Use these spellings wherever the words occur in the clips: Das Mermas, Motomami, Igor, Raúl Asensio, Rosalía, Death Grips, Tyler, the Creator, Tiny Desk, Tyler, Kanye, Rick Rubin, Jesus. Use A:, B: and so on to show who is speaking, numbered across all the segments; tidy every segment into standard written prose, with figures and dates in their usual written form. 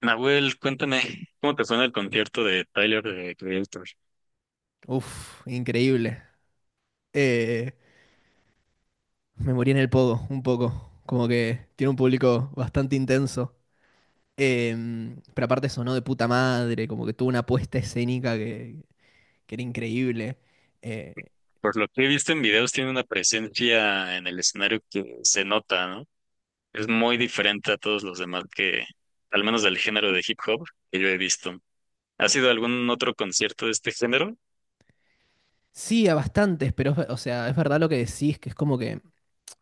A: Nahuel, cuéntame, ¿cómo te suena el concierto de Tyler, de Creator?
B: Uf, increíble. Eh, me morí en el pogo, un poco. Como que tiene un público bastante intenso. Pero aparte sonó de puta madre, como que tuvo una puesta escénica que era increíble. Eh,
A: Por lo que he visto en videos, tiene una presencia en el escenario que se nota, ¿no? Es muy diferente a todos los demás que, al menos del género de hip hop que yo he visto. ¿Ha sido algún otro concierto de este género?
B: sí, a bastantes, pero o sea, es verdad lo que decís, que es como que,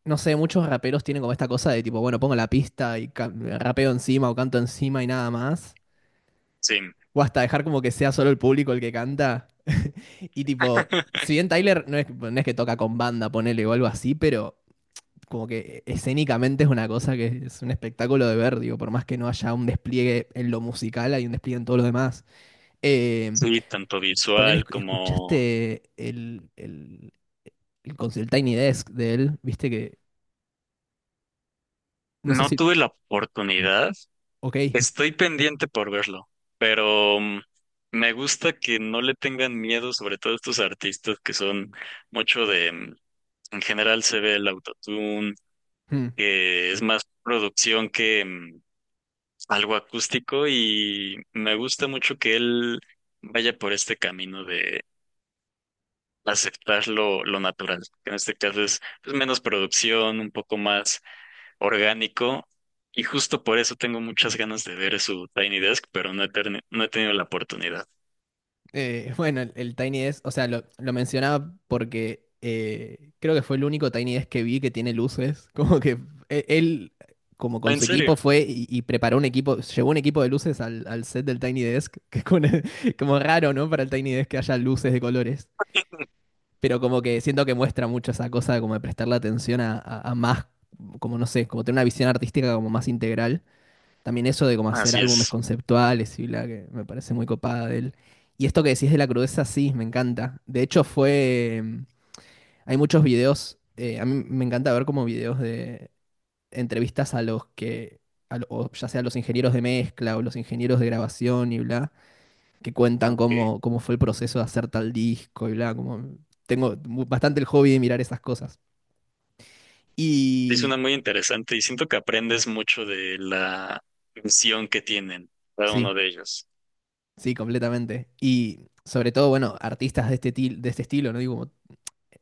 B: no sé, muchos raperos tienen como esta cosa de tipo, bueno, pongo la pista y rapeo encima o canto encima y nada más.
A: Sí,
B: O hasta dejar como que sea solo el público el que canta. Y tipo, si bien Tyler no es que toca con banda, ponele o algo así, pero como que escénicamente es una cosa que es un espectáculo de ver, digo, por más que no haya un despliegue en lo musical, hay un despliegue en todo lo demás. Eh,
A: sí, tanto
B: ponele,
A: visual como...
B: escuchaste el Tiny Desk de él, viste que, no sé
A: No
B: si.
A: tuve la oportunidad.
B: Ok.
A: Estoy pendiente por verlo, pero me gusta que no le tengan miedo, sobre todo estos artistas que son mucho de, en general se ve el autotune,
B: Hmm.
A: que es más producción que algo acústico, y me gusta mucho que él vaya por este camino de aceptar lo natural, que en este caso es pues menos producción, un poco más orgánico, y justo por eso tengo muchas ganas de ver su Tiny Desk, pero no he tenido la oportunidad.
B: Bueno, el Tiny Desk, o sea, lo mencionaba porque creo que fue el único Tiny Desk que vi que tiene luces. Como que él, como con
A: En
B: su
A: serio.
B: equipo, fue y preparó un equipo, llevó un equipo de luces al set del Tiny Desk, que es como, como raro, ¿no? Para el Tiny Desk que haya luces de colores. Pero como que siento que muestra mucho esa cosa de como de prestarle atención a más, como no sé, como tener una visión artística como más integral. También eso de cómo hacer
A: Así
B: álbumes
A: es.
B: conceptuales y bla, que me parece muy copada de él. Y esto que decís de la crudeza, sí, me encanta. De hecho, fue. Hay muchos videos. A mí me encanta ver como videos de entrevistas a los que. O ya sea los ingenieros de mezcla o los ingenieros de grabación y bla, que
A: Ah,
B: cuentan
A: ok.
B: cómo fue el proceso de hacer tal disco y bla. Como, bastante el hobby de mirar esas cosas.
A: Sí,
B: Y.
A: suena muy interesante y siento que aprendes mucho de la visión que tienen cada
B: Sí,
A: uno de ellos.
B: sí, completamente. Y sobre todo, bueno, artistas de este estilo, ¿no? Digo, como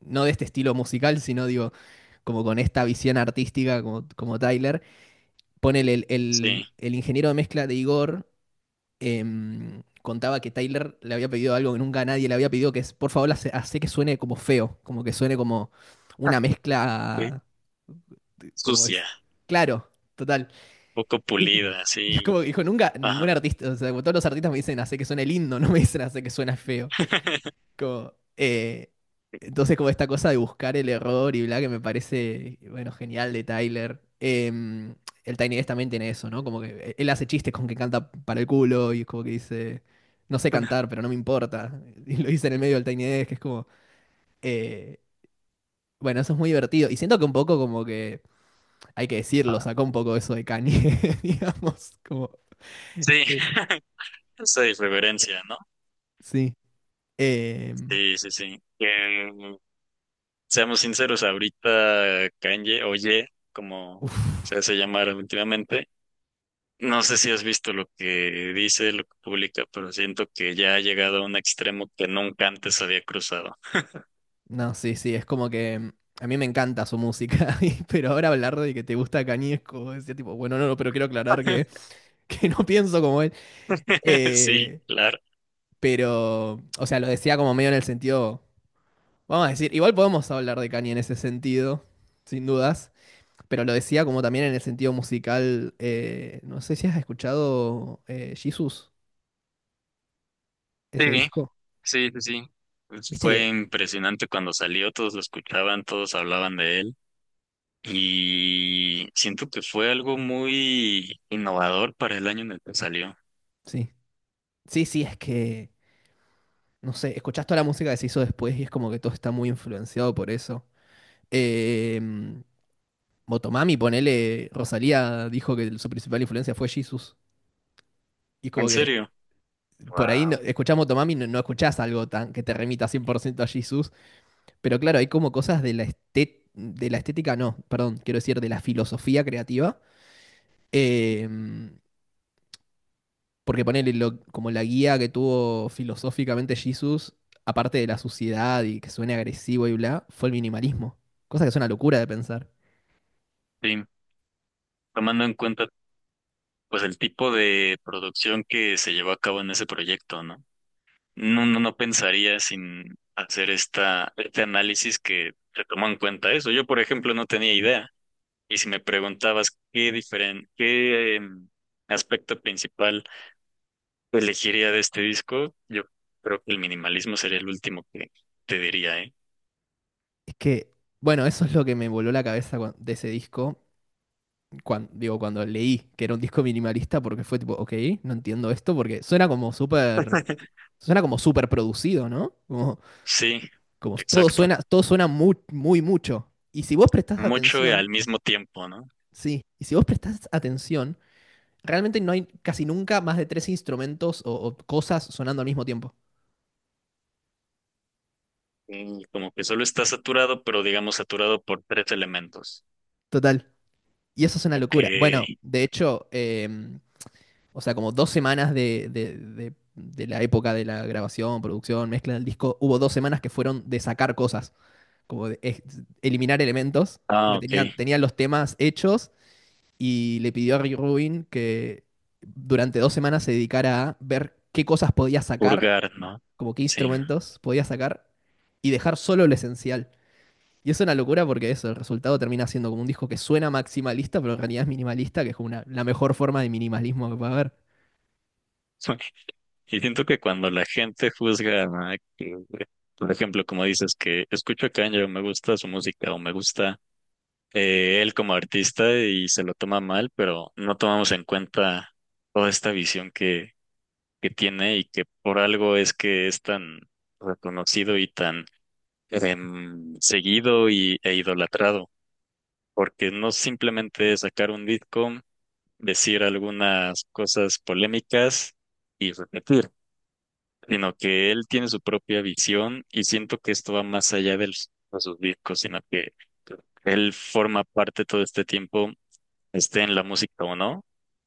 B: no de este estilo musical, sino digo, como con esta visión artística como Tyler. Ponele, el,
A: Sí.
B: el, el ingeniero de mezcla de Igor, contaba que Tyler le había pedido algo que nunca nadie le había pedido, que es, por favor, hace que suene como feo, como que suene como
A: Ah,
B: una
A: ok.
B: mezcla, como
A: Sucia,
B: es, claro, total.
A: poco
B: Y, y-
A: pulida,
B: y es
A: sí.
B: como que dijo, nunca,
A: Ajá.
B: ningún artista, o sea, como todos los artistas me dicen, hace que suene lindo, no me dicen, hace que suene feo. Como, entonces, como esta cosa de buscar el error y bla, que me parece, bueno, genial de Tyler. El Tiny Desk también tiene eso, ¿no? Como que él hace chistes con que canta para el culo y es como que dice, no sé cantar, pero no me importa. Y lo dice en el medio del Tiny Desk, que es como, eh, bueno, eso es muy divertido. Y siento que un poco como que, hay que decirlo,
A: Ah.
B: sacó un poco eso de Kanye, digamos, como,
A: Sí,
B: eh,
A: esa irreverencia, ¿no?
B: sí. Em,
A: Sí, sí, sí. Seamos sinceros, ahorita Kanye, o Ye, como
B: Uf.
A: se hace llamar últimamente, no sé si has visto lo que dice, lo que publica, pero siento que ya ha llegado a un extremo que nunca antes había cruzado.
B: No, sí, sí, es como que a mí me encanta su música, pero ahora hablar de que te gusta Cañesco, decía tipo, bueno, no, no, pero quiero aclarar que, que no pienso como él.
A: Sí,
B: Eh,
A: claro.
B: pero, o sea, lo decía como medio en el sentido, vamos a decir, igual podemos hablar de Kanye en ese sentido, sin dudas, pero lo decía como también en el sentido musical, no sé si has escuchado Jesus,
A: Sí,
B: ese disco,
A: sí, sí, sí. Pues
B: viste
A: fue
B: que,
A: impresionante cuando salió, todos lo escuchaban, todos hablaban de él y siento que fue algo muy innovador para el año en el que salió.
B: sí, sí, sí, es que, no sé, escuchás toda la música que se hizo después y es como que todo está muy influenciado por eso. Eh, Motomami, ponele, Rosalía dijo que su principal influencia fue Jesus. Y es como
A: ¿En
B: que
A: serio?
B: por ahí no,
A: Wow.
B: escuchás Motomami, no, no escuchás algo tan que te remita 100% a Jesus. Pero claro, hay como cosas de de la estética, no, perdón, quiero decir, de la filosofía creativa. eh, porque ponele como la guía que tuvo filosóficamente Jesus, aparte de la suciedad y que suene agresivo y bla, fue el minimalismo. Cosa que es una locura de pensar.
A: Sí, tomando en cuenta pues el tipo de producción que se llevó a cabo en ese proyecto, ¿no? No, no, no pensaría sin hacer este análisis que se tomó en cuenta eso. Yo, por ejemplo, no tenía idea. Y si me preguntabas qué aspecto principal elegiría de este disco, yo creo que el minimalismo sería el último que te diría, ¿eh?
B: Es que, bueno, eso es lo que me voló la cabeza de ese disco, cuando, digo, cuando leí que era un disco minimalista, porque fue tipo, ok, no entiendo esto, porque suena como súper producido, ¿no? Como,
A: Sí,
B: como todo
A: exacto.
B: suena, todo suena muy, muy mucho. Y si vos prestás
A: Mucho y
B: atención,
A: al mismo tiempo, ¿no?
B: sí, y si vos prestás atención, realmente no hay casi nunca más de 3 instrumentos o cosas sonando al mismo tiempo.
A: Y como que solo está saturado, pero digamos saturado por tres elementos.
B: Total. Y eso es una locura. Bueno,
A: Ok.
B: de hecho, o sea, como 2 semanas de la época de la grabación, producción, mezcla del disco, hubo 2 semanas que fueron de sacar cosas, como de eliminar elementos,
A: Ah,
B: porque
A: ok.
B: tenían los temas hechos y le pidió a Rick Rubin que durante 2 semanas se dedicara a ver qué cosas podía sacar,
A: Purgar, ¿no?
B: como qué
A: Sí.
B: instrumentos podía sacar y dejar solo lo esencial. Y es una locura porque eso, el resultado termina siendo como un disco que suena maximalista, pero en realidad es minimalista, que es como la mejor forma de minimalismo que puede haber.
A: Y siento que cuando la gente juzga, ¿no?, que, por ejemplo, como dices, que escucho a Kanye o me gusta su música o me gusta él como artista, y se lo toma mal, pero no tomamos en cuenta toda esta visión que tiene, y que por algo es que es tan reconocido y tan seguido y, e idolatrado, porque no simplemente es sacar un disco, decir algunas cosas polémicas y repetir, sino que él tiene su propia visión y siento que esto va más allá de, de sus discos, sino que él forma parte todo este tiempo, esté en la música o no,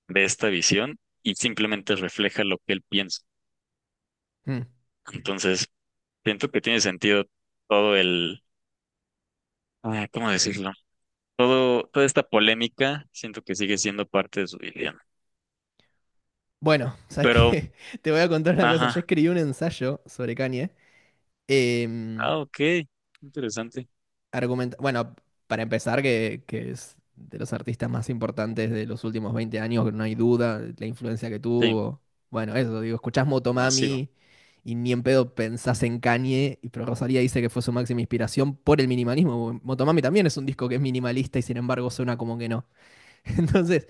A: de esta visión, y simplemente refleja lo que él piensa.
B: Mm.
A: Entonces, siento que tiene sentido todo el, ah, ¿cómo decirlo? Todo, toda esta polémica, siento que sigue siendo parte de su vida.
B: Bueno, ¿sabes
A: Pero,
B: qué? Te voy a contar una cosa. Yo
A: ajá,
B: escribí un ensayo sobre Kanye. em,
A: ah, ok, interesante.
B: bueno, para empezar, que es de los artistas más importantes de los últimos 20 años, que no hay duda, la influencia que
A: Sí,
B: tuvo. Bueno, eso, digo, escuchás
A: masivo.
B: Motomami y ni en pedo pensás en Kanye, pero Rosalía dice que fue su máxima inspiración por el minimalismo. Motomami también es un disco que es minimalista y sin embargo suena como que no. Entonces,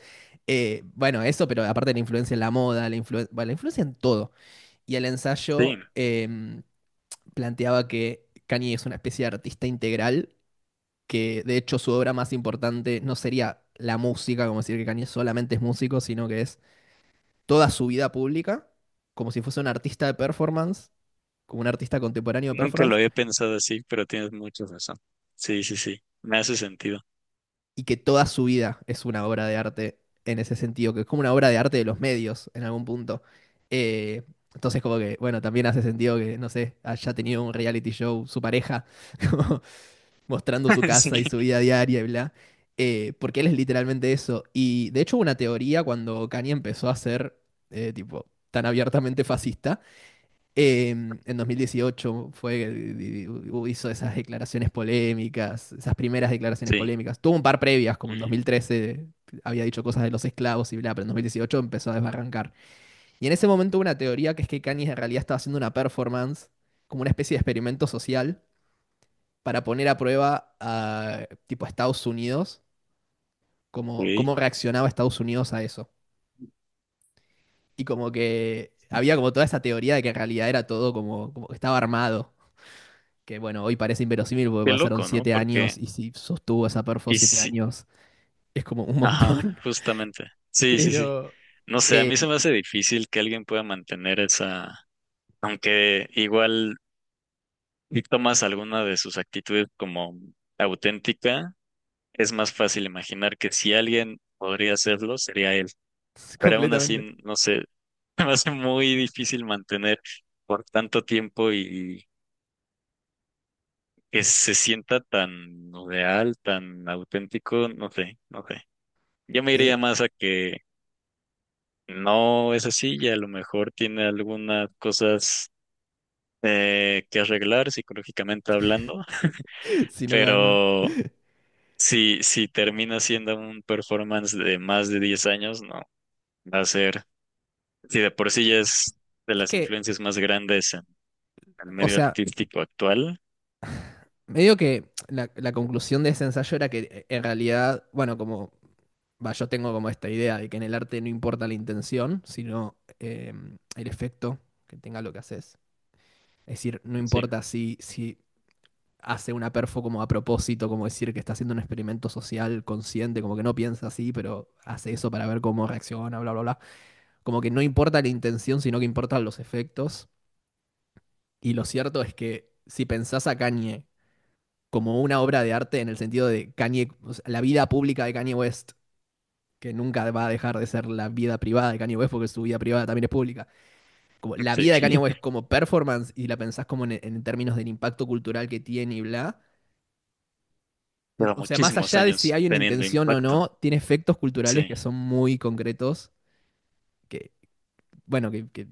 B: bueno, eso, pero aparte la influencia en la moda, bueno, la influencia en todo y el
A: Sí,
B: ensayo planteaba que Kanye es una especie de artista integral, que de hecho su obra más importante no sería la música, como decir que Kanye solamente es músico, sino que es toda su vida pública, como si fuese un artista de performance, como un artista contemporáneo de
A: nunca lo
B: performance,
A: había pensado así, pero tienes mucha razón. Sí, sí, sí, me hace sentido.
B: y que toda su vida es una obra de arte en ese sentido, que es como una obra de arte de los medios en algún punto. Eh, entonces como que, bueno, también hace sentido que, no sé, haya tenido un reality show su pareja, como mostrando su
A: Sí,
B: casa y su vida diaria y bla, porque él es literalmente eso. Y de hecho hubo una teoría cuando Kanye empezó a ser tipo tan abiertamente fascista, en 2018 fue, hizo esas declaraciones polémicas, esas primeras declaraciones
A: sí.
B: polémicas. Tuvo un par previas, como en
A: Mm,
B: 2013 había dicho cosas de los esclavos y bla, pero en 2018 empezó a desbarrancar. Y en ese momento hubo una teoría que es que Kanye en realidad estaba haciendo una performance, como una especie de experimento social, para poner a prueba a tipo a Estados Unidos, cómo
A: ok.
B: reaccionaba Estados Unidos a eso. Y como que había como toda esa teoría de que en realidad era todo como, como que estaba armado. Que bueno, hoy parece inverosímil porque
A: Qué
B: pasaron
A: loco, ¿no?
B: 7 años
A: Porque,
B: y si sostuvo esa perfo
A: y
B: siete
A: sí,
B: años es como un
A: ajá,
B: montón.
A: justamente. Sí, sí, sí.
B: Pero
A: No sé, a mí se
B: eh,
A: me hace difícil que alguien pueda mantener esa, aunque igual si tomas alguna de sus actitudes como auténtica, es más fácil imaginar que si alguien podría hacerlo, sería él. Pero aún así,
B: completamente.
A: no sé, me hace muy difícil mantener por tanto tiempo y que se sienta tan real, tan auténtico, no sé, no sé. Yo me iría
B: Eh,
A: más a que no es así, y a lo mejor tiene algunas cosas que arreglar psicológicamente hablando,
B: si no cabe en duda.
A: pero si termina siendo un performance de más de 10 años, no, va a ser, si de por sí ya es de
B: Es
A: las
B: que,
A: influencias más grandes en el
B: o
A: medio
B: sea,
A: artístico actual,
B: medio que la conclusión de ese ensayo era que en realidad, bueno, como va, yo tengo como esta idea de que en el arte no importa la intención, sino el efecto que tenga lo que haces. Es decir, no
A: sí.
B: importa si hace una perfo como a propósito, como decir que está haciendo un experimento social consciente, como que no piensa así, pero hace eso para ver cómo reacciona, bla, bla, bla. Como que no importa la intención, sino que importan los efectos. Y lo cierto es que si pensás a Kanye como una obra de arte en el sentido de Kanye, o sea, la vida pública de Kanye West que nunca va a dejar de ser la vida privada de Kanye West, porque su vida privada también es pública. Como la vida de Kanye
A: Sí.
B: West como performance, y la pensás como en términos del impacto cultural que tiene y bla.
A: Pero
B: O sea, más
A: muchísimos
B: allá de si
A: años
B: hay una
A: teniendo
B: intención o
A: impacto,
B: no, tiene efectos culturales
A: sí,
B: que son muy concretos, que, bueno, que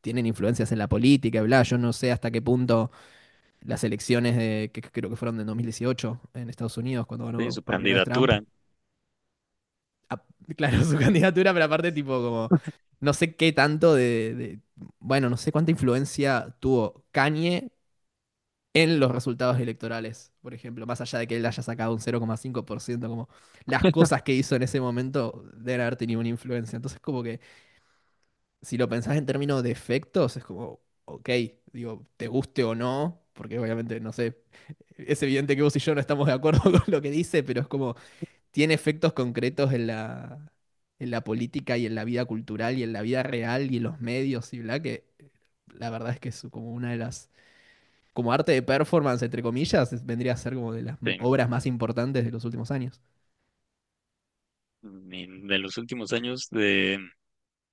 B: tienen influencias en la política y bla. Yo no sé hasta qué punto las elecciones que creo que fueron de 2018 en Estados Unidos, cuando
A: sí,
B: ganó
A: su
B: por primera vez Trump,
A: candidatura,
B: a- claro, su candidatura, pero aparte, tipo, como, no sé qué tanto bueno, no sé cuánta influencia tuvo Kanye en los resultados electorales, por ejemplo, más allá de que él haya sacado un 0,5%, como las cosas que hizo en ese momento deben haber tenido una influencia. Entonces, como que, si lo pensás en términos de efectos, es como, ok, digo, te guste o no, porque obviamente, no sé, es evidente que vos y yo no estamos de acuerdo con lo que dice, pero es como tiene efectos concretos en la, política y en la vida cultural y en la vida real y en los medios y bla, que la verdad es que es como una de las, como arte de performance, entre comillas, vendría a ser como de las
A: sí,
B: obras más importantes de los últimos años.
A: y de los últimos años, de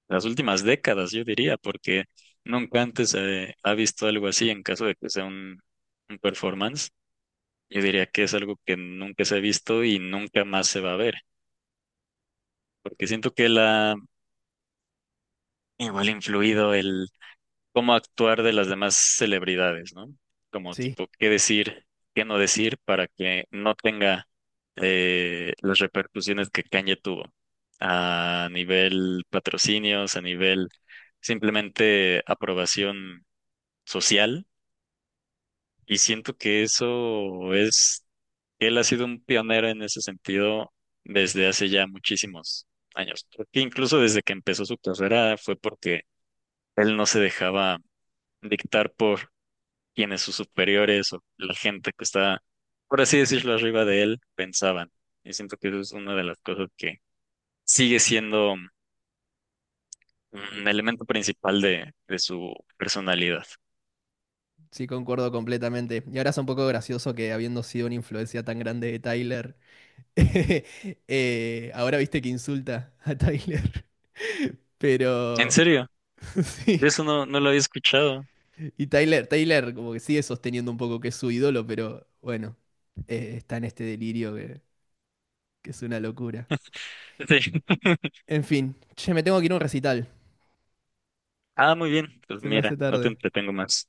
A: las últimas décadas, yo diría, porque nunca antes se ha visto algo así en caso de que sea un performance. Yo diría que es algo que nunca se ha visto y nunca más se va a ver, porque siento que la igual ha influido cómo actuar de las demás celebridades, ¿no? Como
B: Sí,
A: tipo, qué decir, qué no decir, para que no tenga las repercusiones que Kanye tuvo a nivel patrocinios, a nivel simplemente aprobación social. Y siento que eso es, él ha sido un pionero en ese sentido desde hace ya muchísimos años. Porque incluso desde que empezó su carrera fue porque él no se dejaba dictar por quienes sus superiores o la gente que está, por así decirlo, arriba de él pensaban. Y siento que eso es una de las cosas que sigue siendo un elemento principal de su personalidad.
B: sí, concuerdo completamente. Y ahora es un poco gracioso que habiendo sido una influencia tan grande de Tyler, ahora viste que insulta a Tyler.
A: En
B: Pero
A: serio, de
B: sí,
A: eso no, no lo había escuchado.
B: y Tyler como que sigue sosteniendo un poco que es su ídolo, pero bueno, está en este delirio que es una locura.
A: Sí.
B: En fin, che, me tengo que ir a un recital.
A: Ah, muy bien. Pues
B: Se me
A: mira,
B: hace
A: no te
B: tarde.
A: entretengo más.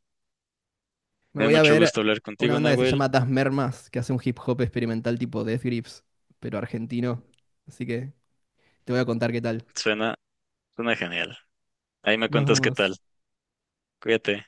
B: Me
A: Me dio
B: voy a
A: mucho
B: ver
A: gusto hablar
B: una
A: contigo,
B: banda que se
A: Nahuel.
B: llama Das Mermas, que hace un hip hop experimental tipo Death Grips, pero argentino. Así que te voy a contar qué tal.
A: Suena, suena genial. Ahí me
B: Nos
A: cuentas qué
B: vemos.
A: tal. Cuídate.